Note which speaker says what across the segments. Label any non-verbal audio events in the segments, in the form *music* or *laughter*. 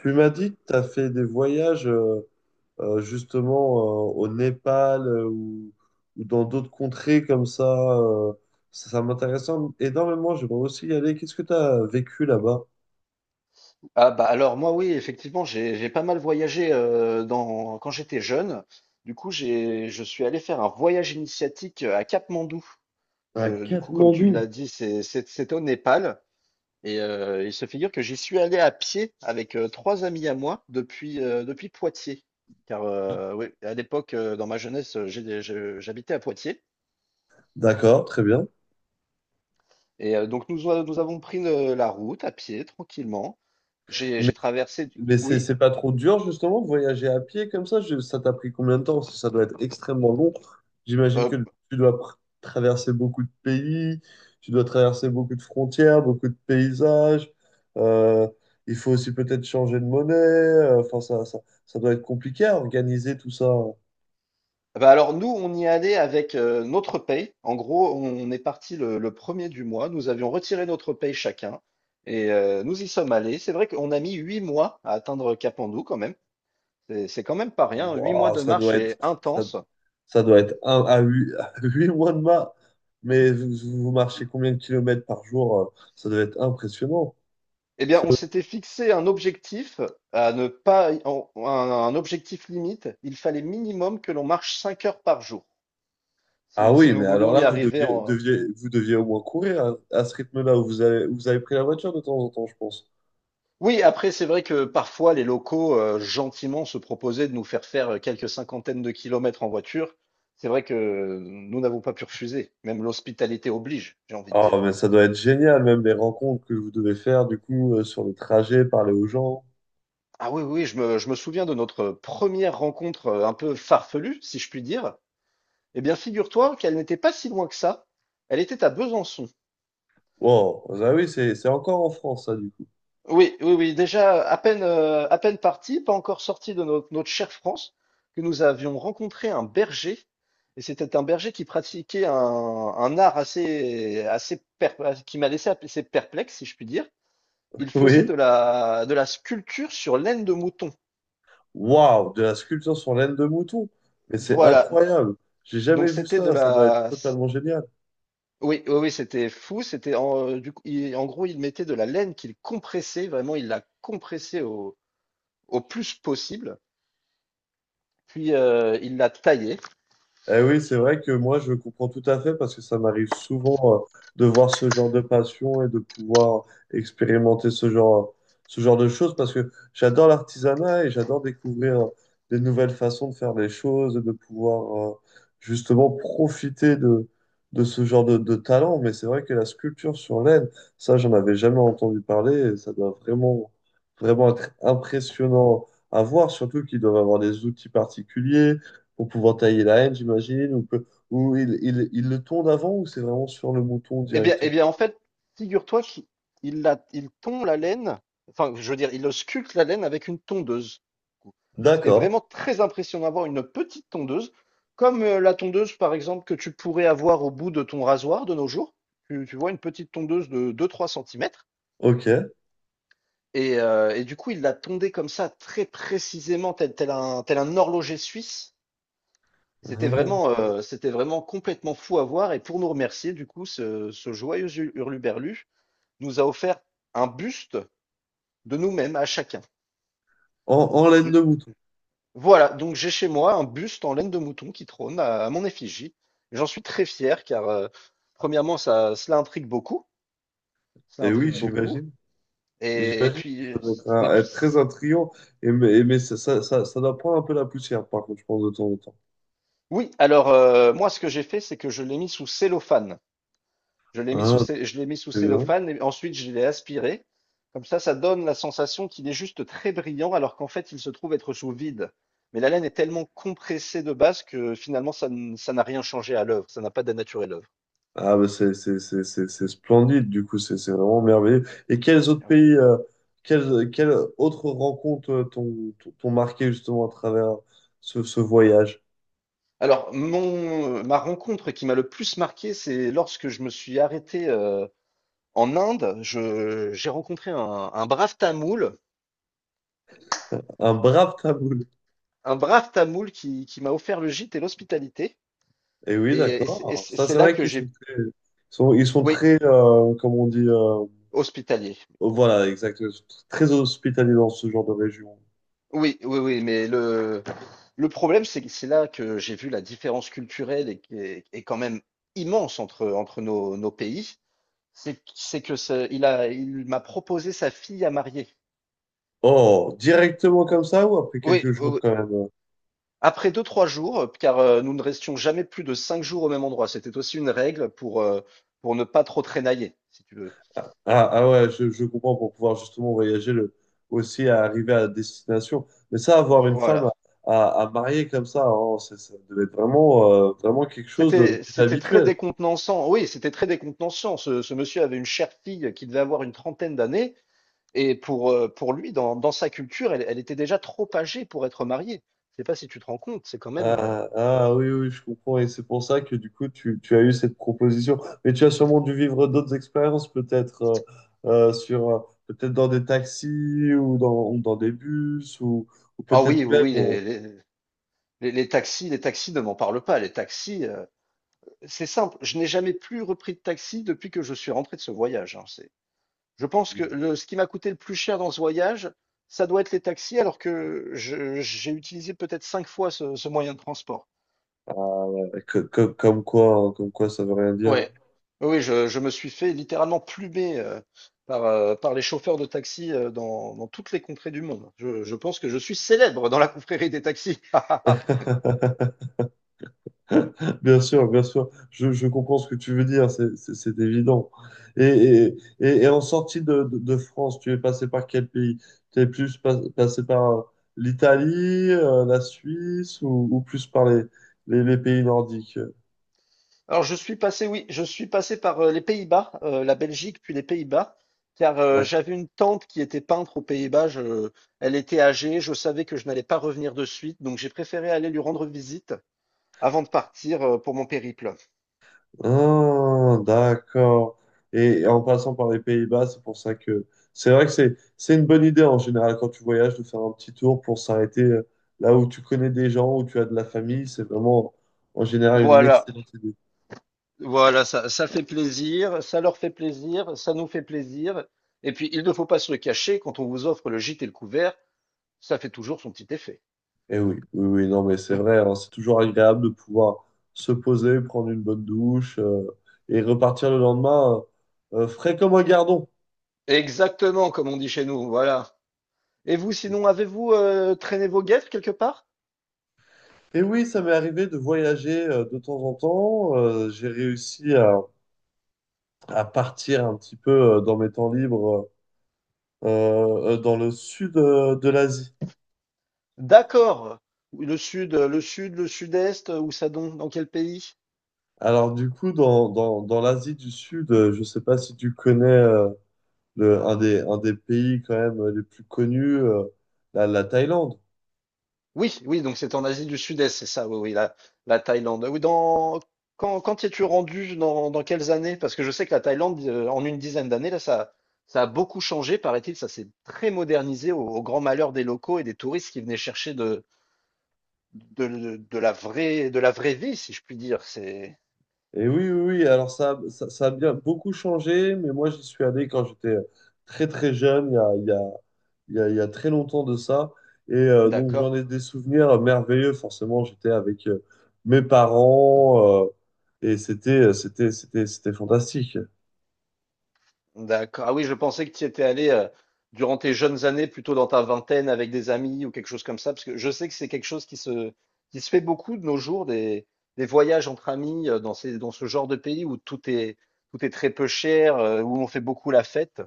Speaker 1: Tu m'as dit que tu as fait des voyages justement au Népal ou dans d'autres contrées comme ça. euh, ça m'intéresse énormément, j'aimerais aussi y aller. Qu'est-ce que tu as vécu là-bas?
Speaker 2: Ah bah alors moi oui, effectivement, j'ai pas mal voyagé dans quand j'étais jeune. Du coup, j'ai je suis allé faire un voyage initiatique à Katmandou.
Speaker 1: À
Speaker 2: Du coup, comme tu
Speaker 1: Katmandou.
Speaker 2: l'as dit, c'est au Népal. Et il se figure que j'y suis allé à pied avec trois amis à moi depuis Poitiers. Car oui, à l'époque, dans ma jeunesse, j'habitais à Poitiers.
Speaker 1: D'accord, très bien.
Speaker 2: Et donc nous avons pris la route à pied tranquillement. J'ai traversé.
Speaker 1: Mais c'est
Speaker 2: Oui.
Speaker 1: c'est pas trop dur justement de voyager à pied comme ça? Ça t'a pris combien de temps? Parce que ça doit être extrêmement long. J'imagine
Speaker 2: euh,
Speaker 1: que tu dois pr- traverser beaucoup de pays, tu dois traverser beaucoup de frontières, beaucoup de paysages. Euh, il faut aussi peut-être changer de monnaie. Enfin, ça doit être compliqué à organiser tout ça.
Speaker 2: Bah alors nous, on y allait avec notre paye. En gros, on est parti le premier du mois. Nous avions retiré notre paye chacun et nous y sommes allés. C'est vrai qu'on a mis huit mois à atteindre Capandou quand même. C'est quand même pas rien. 8 mois
Speaker 1: Ouah,
Speaker 2: de marche est
Speaker 1: ça,
Speaker 2: intense.
Speaker 1: ça doit être un à huit, *laughs* à huit mois de mars. Mais vous, vous marchez combien de kilomètres par jour? Ça doit être impressionnant.
Speaker 2: Eh bien, on s'était fixé un objectif à ne pas, un objectif limite. Il fallait minimum que l'on marche 5 heures par jour
Speaker 1: Ah
Speaker 2: si
Speaker 1: oui,
Speaker 2: nous
Speaker 1: mais alors
Speaker 2: voulions
Speaker 1: là,
Speaker 2: y arriver.
Speaker 1: vous deviez au moins courir à ce rythme-là où vous avez pris la voiture de temps en temps, je pense.
Speaker 2: Oui, après, c'est vrai que parfois les locaux gentiment se proposaient de nous faire faire quelques cinquantaines de kilomètres en voiture. C'est vrai que nous n'avons pas pu refuser. Même l'hospitalité oblige, j'ai envie de
Speaker 1: Oh,
Speaker 2: dire.
Speaker 1: mais ça doit être génial, même les rencontres que vous devez faire, du coup, sur le trajet, parler aux gens.
Speaker 2: Ah oui, oui, je me souviens de notre première rencontre un peu farfelue, si je puis dire. Eh bien, figure-toi qu'elle n'était pas si loin que ça. Elle était à Besançon.
Speaker 1: Wow, ah oui, c'est encore en France, ça, du coup.
Speaker 2: Oui, oui, oui. Déjà, à peine parti, pas encore sorti de notre chère France, que nous avions rencontré un berger. Et c'était un berger qui pratiquait un art qui m'a laissé assez perplexe, si je puis dire.
Speaker 1: *laughs*
Speaker 2: Il faisait
Speaker 1: Oui,
Speaker 2: de la sculpture sur laine de mouton.
Speaker 1: waouh, de la sculpture sur laine de mouton. Mais c'est
Speaker 2: Voilà.
Speaker 1: incroyable. J'ai
Speaker 2: Donc
Speaker 1: jamais vu
Speaker 2: c'était
Speaker 1: ça, ça doit être totalement génial.
Speaker 2: oui, oui, oui, c'était fou. C'était du coup, en gros, il mettait de la laine qu'il compressait. Vraiment, il la compressait au plus possible. Puis il la taillait.
Speaker 1: Eh oui, c'est vrai que moi, je comprends tout à fait parce que ça m'arrive souvent de voir ce genre de passion et de pouvoir expérimenter ce genre, ce genre de choses parce que j'adore l'artisanat et j'adore découvrir des nouvelles façons de faire les choses et de pouvoir justement de ce de talent. Mais c'est vrai que la sculpture sur laine, ça, j'en avais jamais entendu parler et ça doit vraiment être impressionnant à voir, surtout qu'ils doivent avoir des outils particuliers pour pouvoir tailler la haine, j'imagine, ou il le tond avant, ou c'est vraiment sur le mouton
Speaker 2: Eh bien, eh
Speaker 1: directement?
Speaker 2: bien, en fait, figure-toi qu'il il tond la laine, enfin, je veux dire, il ausculte la laine avec une tondeuse. C'était
Speaker 1: D'accord,
Speaker 2: vraiment très impressionnant d'avoir une petite tondeuse, comme la tondeuse, par exemple, que tu pourrais avoir au bout de ton rasoir de nos jours. Tu vois, une petite tondeuse de 2-3 cm.
Speaker 1: ok.
Speaker 2: Et du coup, il l'a tondée comme ça, très précisément, tel un horloger suisse. C'était
Speaker 1: Ah.
Speaker 2: vraiment, euh, c'était vraiment complètement fou à voir. Et pour nous remercier, du coup, ce joyeux hurluberlu, nous a offert un buste de nous-mêmes à chacun.
Speaker 1: En, en laine de mouton.
Speaker 2: Voilà, donc j'ai chez moi un buste en laine de mouton qui trône à mon effigie. J'en suis très fier car, premièrement, cela intrigue beaucoup. Cela
Speaker 1: Et oui,
Speaker 2: intrigue beaucoup.
Speaker 1: j'imagine.
Speaker 2: Et
Speaker 1: J'imagine que ça
Speaker 2: puis,
Speaker 1: doit
Speaker 2: ce
Speaker 1: être,
Speaker 2: n'est-
Speaker 1: un- être très intriguant, ça doit prendre un peu la poussière, par contre, je pense, de temps en temps.
Speaker 2: oui, alors moi, ce que j'ai fait, c'est que je l'ai mis sous cellophane. Je l'ai mis
Speaker 1: Ah,
Speaker 2: sous, cé- je l'ai mis sous
Speaker 1: très bien.
Speaker 2: cellophane et ensuite je l'ai aspiré. Comme ça donne la sensation qu'il est juste très brillant alors qu'en fait, il se trouve être sous vide. Mais la laine est tellement compressée de base que finalement, ça n'a rien changé à l'œuvre. Ça n'a pas dénaturé l'œuvre.
Speaker 1: Ah, bah, c'est splendide, du coup, c'est vraiment merveilleux. Et quels autres
Speaker 2: Ah ouais.
Speaker 1: pays, quelles, quelles autres rencontres t'ont marqué justement à travers ce voyage?
Speaker 2: Alors, ma rencontre qui m'a le plus marqué, c'est lorsque je me suis arrêté en Inde. J'ai rencontré un brave tamoul,
Speaker 1: Un brave taboul.
Speaker 2: un brave tamoul qui m'a offert le gîte et l'hospitalité.
Speaker 1: Et oui,
Speaker 2: Et, et c'est et
Speaker 1: d'accord.
Speaker 2: c'est-
Speaker 1: Ça,
Speaker 2: c'est
Speaker 1: c'est
Speaker 2: là
Speaker 1: vrai
Speaker 2: que
Speaker 1: qu'ils
Speaker 2: j'ai,
Speaker 1: sont très, ils sont
Speaker 2: oui,
Speaker 1: très comme on dit,
Speaker 2: hospitalier.
Speaker 1: voilà, exact, ils sont très hospitaliers dans ce genre de région.
Speaker 2: Oui, oui, oui, mais le problème, c'est que c'est là que j'ai vu la différence culturelle et qui est quand même immense entre nos pays. C'est que il m'a proposé sa fille à marier.
Speaker 1: Oh, directement comme ça ou après
Speaker 2: Oui,
Speaker 1: quelques
Speaker 2: oui,
Speaker 1: jours
Speaker 2: oui.
Speaker 1: quand même?
Speaker 2: Après deux, trois jours, car nous ne restions jamais plus de 5 jours au même endroit. C'était aussi une règle pour ne pas trop traînailler, si tu veux.
Speaker 1: Ouais, je comprends pour pouvoir justement aussi à arriver à destination. Mais ça, avoir une femme
Speaker 2: Voilà.
Speaker 1: à, à, à marier comme ça, oh, ça devait être vraiment, vraiment quelque chose
Speaker 2: C'était très
Speaker 1: d'inhabituel.
Speaker 2: décontenançant. Oui, c'était très décontenançant. Ce monsieur avait une chère fille qui devait avoir une trentaine d'années. Et pour lui, dans sa culture, elle était déjà trop âgée pour être mariée. Je sais pas si tu te rends compte, c'est quand même.
Speaker 1: Oui, oui, oui, je comprends. Et c'est pour ça que du coup, tu as eu cette proposition. Mais tu as sûrement dû vivre d'autres expériences, peut-être euh, sur, euh, peut-être dans des taxis ou dans des bus ou
Speaker 2: Ah
Speaker 1: peut-être
Speaker 2: oui, oui,
Speaker 1: même.
Speaker 2: oui, les taxis ne m'en parlent pas. Les taxis, c'est simple. Je n'ai jamais plus repris de taxi depuis que je suis rentré de ce voyage, hein, je pense que ce qui m'a coûté le plus cher dans ce voyage, ça doit être les taxis, alors que j'ai utilisé peut-être cinq fois ce moyen de transport.
Speaker 1: Ah, ouais, comme quoi, ça veut rien dire.
Speaker 2: Ouais. Oui, oui, je me suis fait littéralement plumer par les chauffeurs de taxi dans toutes les contrées du monde. Je pense que je suis célèbre dans la confrérie des taxis. *laughs*
Speaker 1: *laughs* *laughs* Bien sûr, je comprends ce que tu veux dire, c'est évident. Et, et, et en sortie de France, tu es passé par quel pays? Tu es plus pas- passé par l'Italie, la Suisse ou plus par les pays nordiques?
Speaker 2: Alors, je suis passé, oui, je suis passé par les Pays-Bas, la Belgique, puis les Pays-Bas, car j'avais une tante qui était peintre aux Pays-Bas. Elle était âgée, je savais que je n'allais pas revenir de suite, donc j'ai préféré aller lui rendre visite avant de partir pour mon périple.
Speaker 1: Ah, d'accord. Et en passant par les Pays-Bas, c'est pour ça que c'est vrai que c'est une bonne idée en général quand tu voyages de faire un petit tour pour s'arrêter là où tu connais des gens, où tu as de la famille. C'est vraiment en général une
Speaker 2: Voilà.
Speaker 1: excellente idée.
Speaker 2: Voilà, ça fait plaisir, ça leur fait plaisir, ça nous fait plaisir. Et puis, il ne faut pas se le cacher, quand on vous offre le gîte et le couvert, ça fait toujours son petit effet.
Speaker 1: Eh oui, oui, oui, non, mais c'est
Speaker 2: Ouais.
Speaker 1: vrai, hein, c'est toujours agréable de pouvoir se poser, prendre une bonne douche et repartir le lendemain frais comme un gardon.
Speaker 2: Exactement, comme on dit chez nous, voilà. Et vous, sinon, avez-vous traîné vos guêtres quelque part?
Speaker 1: Et oui, ça m'est arrivé de voyager de temps en temps. J'ai réussi à partir un petit peu dans mes temps libres dans le sud de l'Asie.
Speaker 2: D'accord. Le sud-est, où ça donc? Dans quel pays?
Speaker 1: Alors du coup, dans l'Asie du Sud, je ne sais pas si tu connais un des pays quand même les plus connus, la Thaïlande.
Speaker 2: Oui, oui, donc c'est en Asie du Sud-Est, c'est ça, oui, oui, la Thaïlande. Oui, quand t'y es-tu rendu, dans quelles années? Parce que je sais que la Thaïlande, en une dizaine d'années, là, ça a beaucoup changé, paraît-il, ça s'est très modernisé au grand malheur des locaux et des touristes qui venaient chercher de la vraie vie, si je puis dire.
Speaker 1: Et oui, oui, oui, alors ça a bien beaucoup changé, mais moi j'y suis allé quand j'étais très très jeune, il y a, il y a il y a, il y a très longtemps de ça. Et donc,
Speaker 2: D'accord.
Speaker 1: j'en ai des souvenirs merveilleux. Forcément, j'étais avec mes parents et c'était fantastique.
Speaker 2: D'accord. Ah oui, je pensais que tu y étais allé durant tes jeunes années, plutôt dans ta vingtaine, avec des amis ou quelque chose comme ça, parce que je sais que c'est quelque chose qui se fait beaucoup de nos jours, des voyages entre amis dans ce genre de pays où tout est très peu cher, où on fait beaucoup la fête.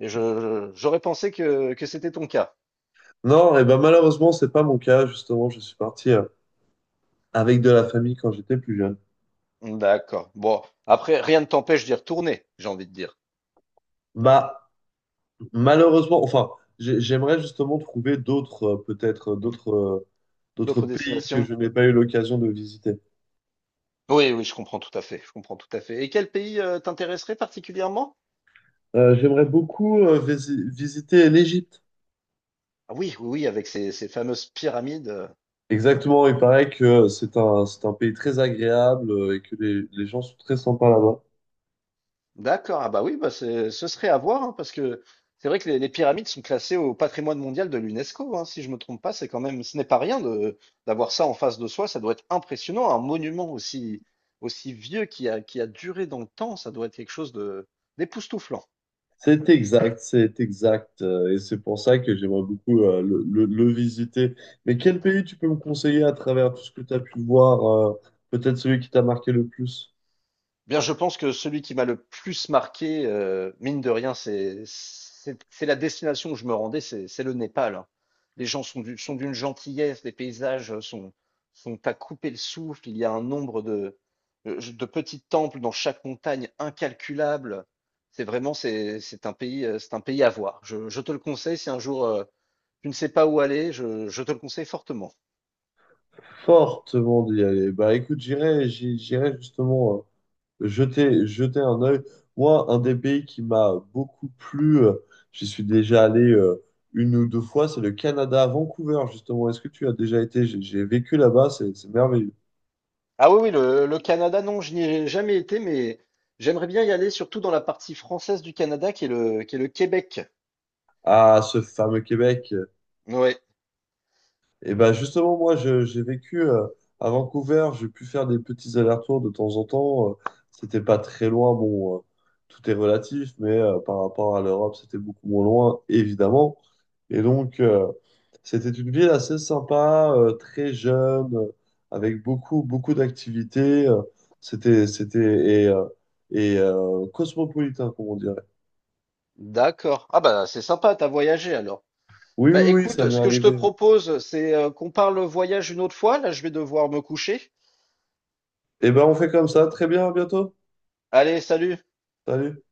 Speaker 2: Et j'aurais pensé que c'était ton cas.
Speaker 1: Non, et ben malheureusement, c'est pas mon cas. Justement, je suis parti avec de la famille quand j'étais plus jeune.
Speaker 2: D'accord. Bon, après, rien ne t'empêche d'y retourner, j'ai envie de dire.
Speaker 1: Bah, malheureusement, enfin, j'aimerais justement trouver d'autres, d'autres
Speaker 2: D'autres
Speaker 1: pays que
Speaker 2: destinations?
Speaker 1: je n'ai pas eu l'occasion de visiter.
Speaker 2: Oui, oui, je comprends tout à fait. Je comprends tout à fait. Et quel pays t'intéresserait particulièrement?
Speaker 1: J'aimerais beaucoup visiter l'Égypte.
Speaker 2: Ah oui, oui, oui, avec ces fameuses pyramides.
Speaker 1: Exactement, il paraît que c'est un pays très agréable et que les gens sont très sympas là-bas.
Speaker 2: D'accord, ah bah oui, bah ce serait à voir, hein, parce que c'est vrai que les pyramides sont classées au patrimoine mondial de l'UNESCO, hein, si je me trompe pas, c'est quand même, ce n'est pas rien de d'avoir ça en face de soi, ça doit être impressionnant, un monument aussi vieux qui a duré dans le temps, ça doit être quelque chose de d'époustouflant.
Speaker 1: C'est exact, c'est exact. Et c'est pour ça que j'aimerais beaucoup le visiter. Mais quel pays tu peux me conseiller à travers tout ce que tu as pu voir, euh, peut-être celui qui t'a marqué le plus?
Speaker 2: Eh bien, je pense que celui qui m'a le plus marqué, mine de rien, c'est la destination où je me rendais, c'est le Népal, hein. Les gens sont d'une gentillesse, les paysages sont à couper le souffle. Il y a un nombre de petits temples dans chaque montagne incalculable. C'est un pays à voir. Je te le conseille si un jour, tu ne sais pas où aller, je te le conseille fortement.
Speaker 1: Fortement d'y aller. Bah écoute, j'irai justement jetez, jetez un œil. Moi, un des pays qui m'a beaucoup plu, j'y suis déjà allé une ou deux fois, c'est le Canada, à Vancouver, justement. Est-ce que tu as déjà été? J'ai vécu là-bas, c'est merveilleux.
Speaker 2: Ah oui, oui, le Canada, non, je n'y ai jamais été, mais j'aimerais bien y aller, surtout dans la partie française du Canada, qui est le Québec.
Speaker 1: Ah, ce fameux Québec.
Speaker 2: Ouais,
Speaker 1: Et ben justement, moi, j'ai vécu à Vancouver, j'ai pu faire des petits allers-retours de temps en temps. C'était pas très loin, bon, tout est relatif, mais par rapport à l'Europe, c'était beaucoup moins loin, évidemment. Et donc, c'était une ville assez sympa, très jeune, avec beaucoup d'activités. C'était, c'était, et, euh, et cosmopolitain, comme on dirait.
Speaker 2: d'accord. Ah bah c'est sympa, t'as voyagé alors.
Speaker 1: Oui,
Speaker 2: Bah
Speaker 1: oui, oui, ça
Speaker 2: écoute,
Speaker 1: m'est
Speaker 2: ce que je te
Speaker 1: arrivé.
Speaker 2: propose, c'est qu'on parle voyage une autre fois. Là, je vais devoir me coucher.
Speaker 1: Et ben on fait comme ça. Très bien, à bientôt.
Speaker 2: Allez, salut.
Speaker 1: Salut.